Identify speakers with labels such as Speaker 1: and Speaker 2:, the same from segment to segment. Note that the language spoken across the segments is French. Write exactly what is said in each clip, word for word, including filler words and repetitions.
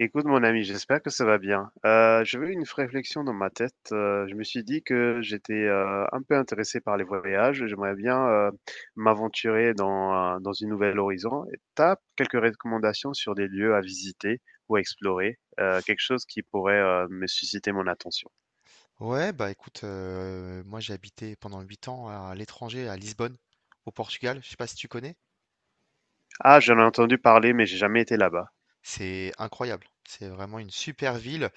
Speaker 1: Écoute, mon ami, j'espère que ça va bien. Euh, j'avais une réflexion dans ma tête. Euh, je me suis dit que j'étais euh, un peu intéressé par les voyages. et J'aimerais bien euh, m'aventurer dans, euh, dans une nouvelle horizon. Et t'as quelques recommandations sur des lieux à visiter ou à explorer, euh, quelque chose qui pourrait euh, me susciter mon attention.
Speaker 2: Ouais, bah écoute, euh, moi j'ai habité pendant huit ans à l'étranger, à Lisbonne, au Portugal. Je sais pas si tu connais.
Speaker 1: Ah, j'en ai entendu parler, mais j'ai jamais été là-bas.
Speaker 2: C'est incroyable. C'est vraiment une super ville.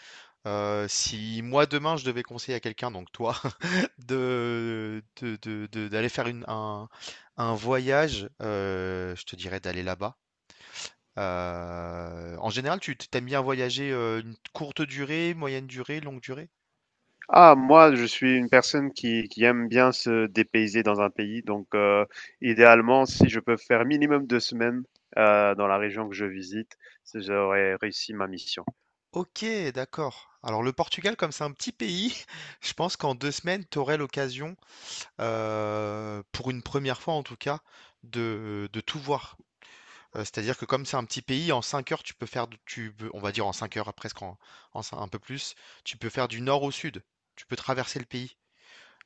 Speaker 2: Euh, si moi demain je devais conseiller à quelqu'un, donc toi, de, de- de- de- d'aller faire une- un, un voyage, euh, je te dirais d'aller là-bas. Euh, en général, tu t'aimes bien voyager euh, une courte durée, moyenne durée, longue durée?
Speaker 1: Ah, moi, je suis une personne qui, qui aime bien se dépayser dans un pays. Donc, euh, idéalement, si je peux faire minimum deux semaines euh, dans la région que je visite, c'est- j'aurais réussi ma mission.
Speaker 2: Ok, d'accord. Alors le Portugal, comme c'est un petit pays, je pense qu'en deux semaines, tu aurais l'occasion, euh, pour une première fois en tout cas, de, de tout voir. Euh, c'est-à-dire que comme c'est un petit pays, en cinq heures, tu peux faire, de- tu, peux- on va dire en cinq heures, presque en, en cin- un peu plus, tu peux faire du nord au sud. Tu peux traverser le pays.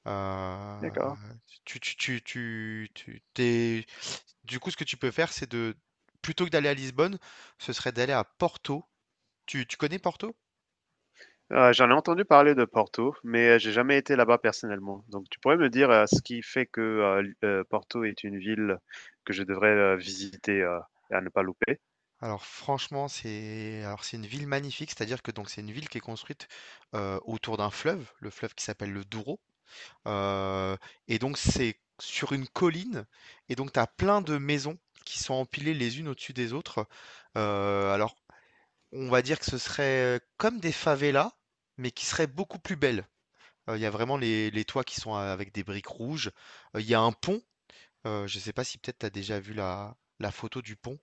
Speaker 2: Euh,
Speaker 1: D'accord.
Speaker 2: tu, tu, tu, tu, tu- t'es- Du coup, ce que tu peux faire, c'est de, plutôt que d'aller à Lisbonne, ce serait d'aller à Porto. Tu, tu connais Porto?
Speaker 1: Euh, j'en ai entendu parler de Porto, mais euh, j'ai jamais été là-bas personnellement. Donc, tu pourrais me dire euh, ce qui fait que euh, l- euh, Porto est une ville que je devrais euh, visiter euh, et à ne pas louper?
Speaker 2: Alors franchement, c'est alors c'est une ville magnifique, c'est-à-dire que donc c'est une ville qui est construite euh, autour d'un fleuve, le fleuve qui s'appelle le Douro. Euh, et donc c'est sur une colline, et donc tu as plein de maisons qui sont empilées les unes au-dessus des autres. Euh, alors on va dire que ce serait comme des favelas, mais qui seraient beaucoup plus belles. Euh, Il y a vraiment les, les toits qui sont euh, avec des briques rouges. Euh, Il y a un pont, euh, je ne sais pas si peut-être tu as déjà vu la, la photo du pont.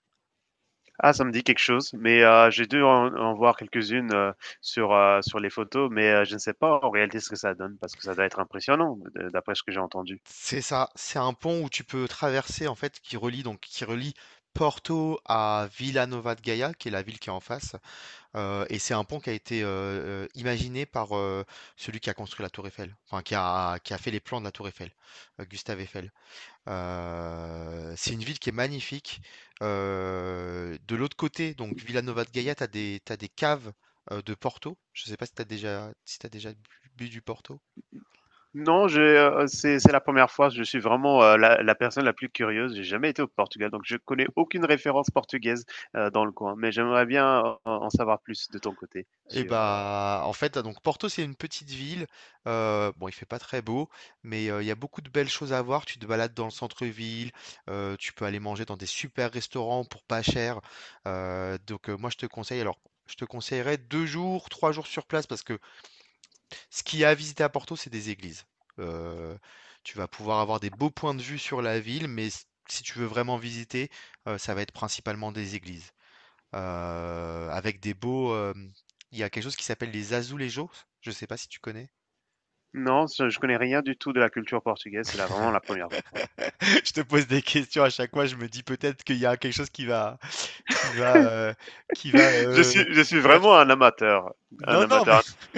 Speaker 1: Ah, ça me dit quelque chose, mais heu, j'ai dû en en voir quelques-unes, heu, sur, heu, sur les photos, mais heu, je ne sais pas en réalité ce que ça donne parce que ça doit être impressionnant de d'après ce que j'ai entendu.
Speaker 2: C'est ça, c'est un pont où tu peux traverser en fait qui relie donc qui relie Porto à Villanova de Gaia, qui est la ville qui est en face. Euh, et c'est un pont qui a été euh, euh, imaginé par euh, celui qui a construit la Tour Eiffel, enfin qui a, qui a fait les plans de la Tour Eiffel, euh, Gustave Eiffel. Euh, c'est une ville qui est magnifique. Euh, de l'autre côté, donc Villanova de Gaia, t'as des, t'as des caves euh, de Porto. Je sais pas si t'as déjà si t'as déjà bu bu du Porto.
Speaker 1: Non, j'ai, heu, c'est c'est la première fois, je suis vraiment, heu, la la personne la plus curieuse, j'ai jamais été au Portugal, donc je connais aucune référence portugaise, heu, dans le coin, mais j'aimerais bien en en savoir plus de ton côté
Speaker 2: Et
Speaker 1: sur, heu
Speaker 2: bah, en fait, donc Porto, c'est une petite ville. euh, bon, il fait pas très beau, mais euh, il y a beaucoup de belles choses à voir. Tu te balades dans le centre-ville, euh, tu peux aller manger dans des super restaurants pour pas cher. Euh, donc, euh, moi, je te conseille, alors, je te conseillerais deux jours, trois jours sur place parce que ce qu'il y a à visiter à Porto, c'est des églises. Euh, Tu vas pouvoir avoir des beaux points de vue sur la ville, mais s- si tu veux vraiment visiter, euh, ça va être principalement des églises euh, avec des beaux. Euh, il y a quelque chose qui s'appelle les azulejos. Je sais pas si tu connais.
Speaker 1: non, je je connais rien du tout de la culture portugaise, c'est là vraiment la première fois.
Speaker 2: Je te pose des questions à chaque fois. Je me dis peut-être qu'il y a quelque chose qui va, qui va, euh, qui va
Speaker 1: Je
Speaker 2: euh,
Speaker 1: suis je suis
Speaker 2: faire.
Speaker 1: vraiment un amateur, un
Speaker 2: Non, non, mais,
Speaker 1: amateur.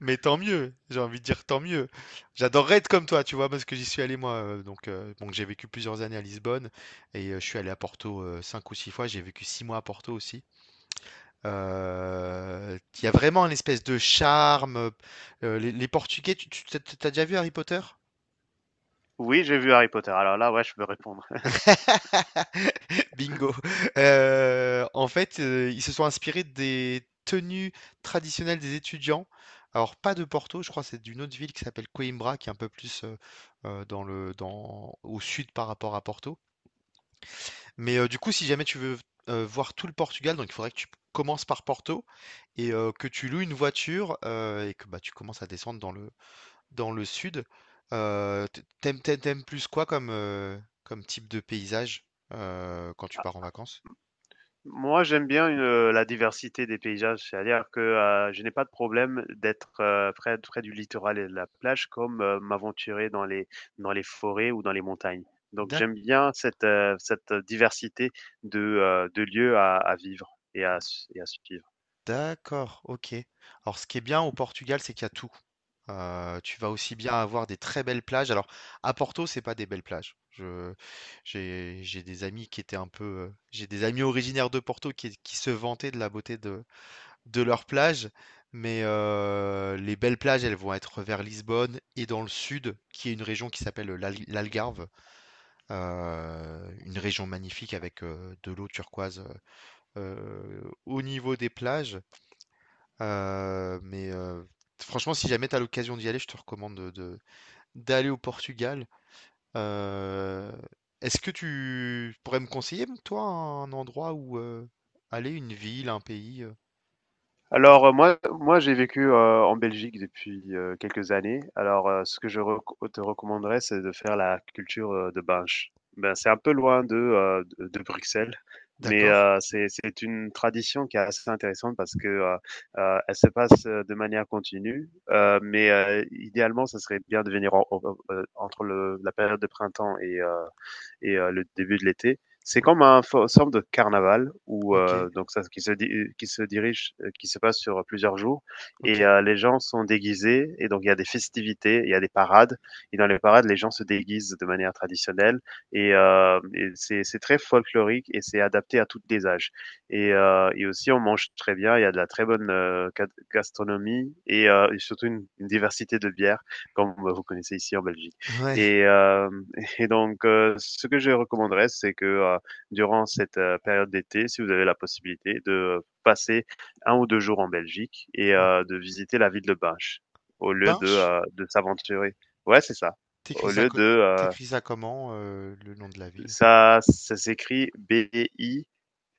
Speaker 2: mais tant mieux. J'ai envie de dire tant mieux. J'adorerais être comme toi, tu vois, parce que j'y suis allé moi. euh, donc, euh, bon, j'ai vécu plusieurs années à Lisbonne et euh, je suis allé à Porto euh, cinq ou six fois. J'ai vécu six mois à Porto aussi. Euh, Il y a vraiment une espèce de charme. Euh, les, les Portugais, tu, tu- t'as t'as déjà vu Harry Potter?
Speaker 1: Oui, j'ai vu Harry Potter. Alors là, ouais, je peux répondre.
Speaker 2: Bingo. Euh, en fait, euh, ils se sont inspirés des tenues traditionnelles des étudiants. Alors, pas de Porto, je crois, que c'est d'une autre ville qui s'appelle Coimbra, qui est un peu plus euh, euh, dans le, dans, au sud par rapport à Porto. Mais euh, du coup, si jamais tu veux euh, voir tout le Portugal, donc il faudrait que tu commences par Porto et euh, que tu loues une voiture euh, et que bah, tu commences à descendre dans le, dans le sud. Euh, t- t'aimes, t'aimes- t'aimes plus quoi comme, euh, comme type de paysage euh, quand tu pars en vacances?
Speaker 1: Moi, j'aime bien une, euh, la diversité des paysages, c'est-à-dire que euh, je n'ai pas de problème d'être euh, près, près du littoral et de la plage comme euh, m'aventurer dans les, dans les forêts ou dans les montagnes. Donc, j'aime bien cette, euh, cette diversité de, euh, de lieux à, à vivre et à, su- et à suivre.
Speaker 2: D'accord, OK. Alors ce qui est bien au Portugal, c'est qu'il y a tout. Euh, tu vas aussi bien avoir des très belles plages. Alors à Porto, c'est pas des belles plages. Je, j'ai, j'ai des amis qui étaient un peu, euh, j'ai des amis originaires de Porto qui, qui se vantaient de la beauté de, de leurs plages, mais euh, les belles plages, elles vont être vers Lisbonne et dans le sud, qui est une région qui s'appelle l'Al- l'Algarve, euh, une région magnifique avec euh, de l'eau turquoise euh, au niveau des plages. Euh, mais euh, franchement, si jamais tu as l'occasion d'y aller, je te recommande de, de- d'aller au Portugal. Euh, Est-ce que tu pourrais me conseiller, toi, un endroit où euh, aller, une ville, un pays euh, que je-
Speaker 1: Alors, heu, moi moi j'ai vécu, heu, en Belgique depuis, heu, quelques années. Alors, heu, ce que je reco te recommanderais, c'est de faire la culture, heu, de Binche. Ben, c'est un peu loin de, heu, de de Bruxelles, mais,
Speaker 2: D'accord.
Speaker 1: heu, c'est c'est une tradition qui est assez intéressante parce que, heu heu, elle se passe, heu, de manière continue, heu, mais, heu, idéalement, ça serait bien de venir en en, heu, entre le la période de printemps et heu et euh, le début de l'été. C'est
Speaker 2: O-
Speaker 1: comme un forme de carnaval où
Speaker 2: Ok,
Speaker 1: euh, donc ça qui se di qui se dirige euh, qui se passe sur plusieurs jours
Speaker 2: ok.
Speaker 1: et euh, les gens sont déguisés et donc il y a des festivités, il y a des parades et dans les parades les gens se déguisent de manière traditionnelle et, euh, et c'est c'est très folklorique et c'est adapté à tous les âges. Et, euh, et aussi on mange très bien, il y a de la très bonne euh, ga- gastronomie et, euh, et surtout une, une, diversité de bières comme vous connaissez ici en Belgique.
Speaker 2: Ouais.
Speaker 1: Et euh, et donc, heu, ce que je recommanderais, c'est que, heu, durant cette, heu, période d'été, si vous avez la possibilité de passer un ou deux jours en Belgique et
Speaker 2: O-
Speaker 1: heu, de visiter la ville de Binche au lieu de,
Speaker 2: Binche?
Speaker 1: heu, de s'aventurer. Ouais, c'est ça.
Speaker 2: T'écris
Speaker 1: Au
Speaker 2: ça,
Speaker 1: lieu de,
Speaker 2: co-
Speaker 1: heu,
Speaker 2: T'écris ça comment, euh, le nom de la ville?
Speaker 1: ça ça s'écrit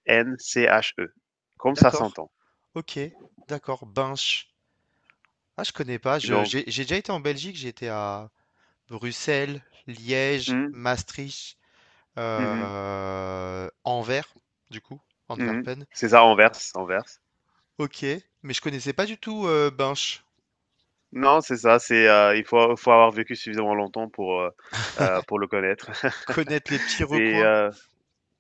Speaker 1: B-I-N-C-H-E, comme ça
Speaker 2: D'accord.
Speaker 1: s'entend.
Speaker 2: Ok, d'accord. Binche. Ah, je connais pas. Je,
Speaker 1: Donc
Speaker 2: j'ai j'ai déjà été en Belgique. J'étais à Bruxelles, Liège,
Speaker 1: mmh,
Speaker 2: Maastricht.
Speaker 1: mmh mh,
Speaker 2: Euh, Anvers, du coup,
Speaker 1: mmh mh.
Speaker 2: Antwerpen.
Speaker 1: C'est ça, Anvers, Anvers.
Speaker 2: Ok, mais je connaissais pas du tout euh, Binche.
Speaker 1: Non, c'est ça, c'est, heu, il faut faut avoir vécu suffisamment longtemps pour, heu heu, pour le connaître.
Speaker 2: Connaître les petits
Speaker 1: Et
Speaker 2: recoins.
Speaker 1: heu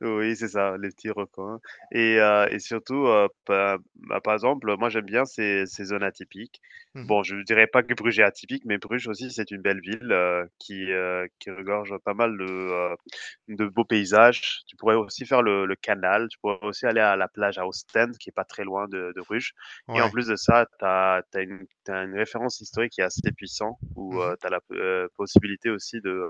Speaker 1: oui, c'est ça, les petits recoins et heu et surtout, heu, pa bah, par exemple, moi, j'aime bien ces ces zones atypiques.
Speaker 2: Mhm.
Speaker 1: Bon, je ne dirais pas que Bruges est atypique, mais Bruges aussi, c'est une belle ville, heu, qui, heu, qui regorge pas mal de, heu, de beaux paysages. Tu pourrais aussi faire le le canal, tu pourrais aussi aller à la plage à Ostende, qui est pas très loin de de Bruges et en
Speaker 2: Ouais.
Speaker 1: plus de ça, tu as une tu une référence historique qui est assez puissante où, heu,
Speaker 2: Mhm.
Speaker 1: tu as la, heu, possibilité aussi de, heu,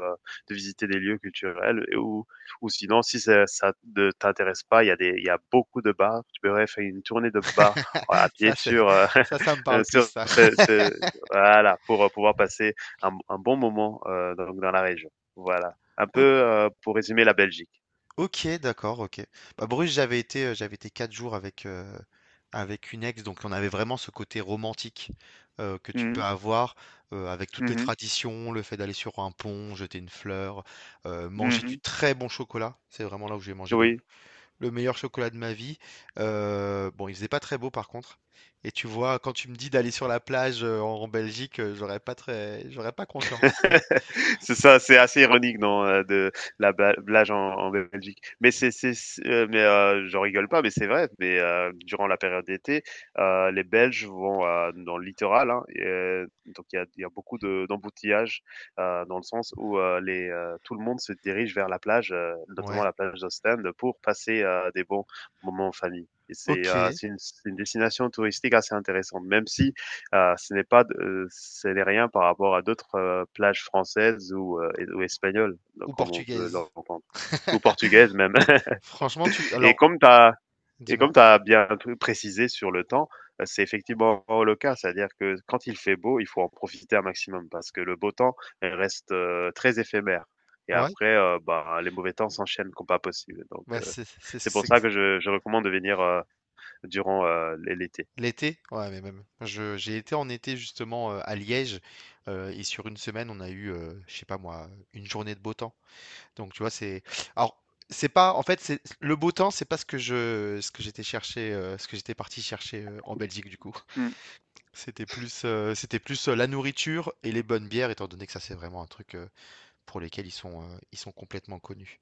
Speaker 1: de visiter des lieux culturels et où ou sinon, si ça, ça ne t'intéresse pas, il y a des, il y a beaucoup de bars. Tu pourrais faire une tournée de bars euh, à pied
Speaker 2: Ça, c'est,
Speaker 1: sur, euh,
Speaker 2: ça, ça me parle plus,
Speaker 1: sur
Speaker 2: ça.
Speaker 1: ce, ce- voilà, pour euh, pouvoir passer un, un bon moment euh, donc dans la région. Voilà. Un peu
Speaker 2: O-
Speaker 1: euh, pour résumer la Belgique.
Speaker 2: Ok, d'accord, ok. Bah, Bruges, j'avais été, euh, j'avais été quatre jours avec, euh, avec une ex, donc on avait vraiment ce côté romantique euh, que tu peux
Speaker 1: Mhm,
Speaker 2: avoir euh, avec toutes les
Speaker 1: mhm,
Speaker 2: traditions, le fait d'aller sur un pont, jeter une fleur, euh, manger du
Speaker 1: mhm.
Speaker 2: très bon chocolat. C'est vraiment là où j'ai mangé le,
Speaker 1: Oui.
Speaker 2: le meilleur chocolat de ma vie. Euh, bon, il faisait pas très beau par contre. Et tu vois, quand tu me dis d'aller sur la plage euh, en, en Belgique, euh, j'aurais pas très, j'aurais pas confiance. euh.
Speaker 1: C'est ça, c'est assez ironique, non, euh, de la bla- blage en, en Belgique. Mais c'est, c'est, c'est- euh, mais euh, j'en rigole pas, mais c'est vrai. Mais euh, durant la période d'été, euh, les Belges vont euh, dans le littoral, hein, et, euh, donc il y a, il y a beaucoup de, d'embouteillages euh, dans le sens où euh, les, euh, tout le monde se dirige vers la plage, euh, notamment
Speaker 2: Ouais.
Speaker 1: la plage d'Ostende, pour passer euh, des bons moments en famille. Et c'est,
Speaker 2: Ok.
Speaker 1: euh, c'est une, c'est une destination touristique assez intéressante, même si heu, ce n'est pas de euh, ce n'est rien par rapport à d'autres, heu, plages françaises ou, heu, ou espagnoles, donc,
Speaker 2: Ou
Speaker 1: comme on peut
Speaker 2: portugaise.
Speaker 1: l'entendre, ou portugaises même.
Speaker 2: Franchement, tu.
Speaker 1: Et
Speaker 2: Alors,
Speaker 1: comme tu as et comme
Speaker 2: dis-moi.
Speaker 1: tu as bien p précisé sur le temps, heu, c'est effectivement le cas. C'est-à-dire que quand il fait beau, il faut en profiter un maximum parce que le beau temps il reste, heu, très éphémère et
Speaker 2: Ouais.
Speaker 1: après, heu, bah, les mauvais temps s'enchaînent comme pas possible. Donc,
Speaker 2: Bah
Speaker 1: heu,
Speaker 2: c'est c'est
Speaker 1: c'est pour ça
Speaker 2: c'est-
Speaker 1: que je je recommande de venir, heu, durant, heu, l'été.
Speaker 2: l'été. Ouais, mais même. Je j'ai été en été justement euh, à Liège euh, et sur une semaine, on a eu, euh, je sais pas moi, une journée de beau temps. Donc, tu vois, c'est. Alors, c'est pas. En fait, c'est le beau temps, c'est pas ce que je, ce que j'étais chercher, euh, ce que j'étais parti chercher euh, en Belgique du coup. C'était plus, euh, c'était plus euh, la nourriture et les bonnes bières, étant donné que ça, c'est vraiment un truc euh, pour lesquels ils sont, euh, ils sont complètement connus.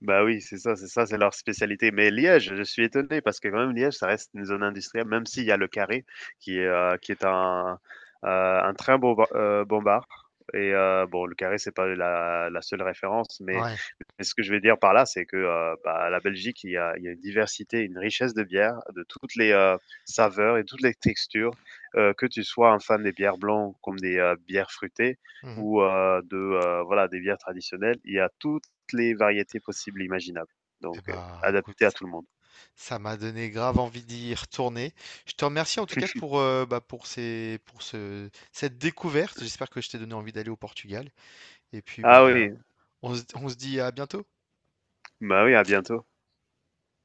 Speaker 1: Bah oui, c'est ça, c'est ça, c'est leur spécialité. Mais Liège, je suis étonné parce que quand même Liège, ça reste une zone industrielle, même s'il y a le carré qui est, euh, qui est un, euh, un train bomba- euh, bombard. Et euh, bon, le carré, c'est pas la, la seule référence, mais,
Speaker 2: Ouais.
Speaker 1: mais ce que je veux dire par là, c'est que euh, bah, la Belgique, il y a, il y a une diversité, une richesse de bières, de toutes les euh, saveurs et toutes les textures. Euh, que tu sois un fan des bières blancs comme des euh, bières fruitées
Speaker 2: Mhm.
Speaker 1: ou euh, de euh, voilà des bières traditionnelles, il y a tout les variétés possibles et imaginables.
Speaker 2: Eh
Speaker 1: Donc, euh,
Speaker 2: bah,
Speaker 1: adapté à
Speaker 2: écoute,
Speaker 1: tout le monde.
Speaker 2: ça m'a donné grave envie d'y retourner. Je te remercie en tout cas pour, euh, bah, pour ces, pour ce, cette découverte. J'espère que je t'ai donné envie d'aller au Portugal. Et puis,
Speaker 1: Ah
Speaker 2: bah,
Speaker 1: oui,
Speaker 2: on se on se dit à bientôt.
Speaker 1: bah oui, à bientôt.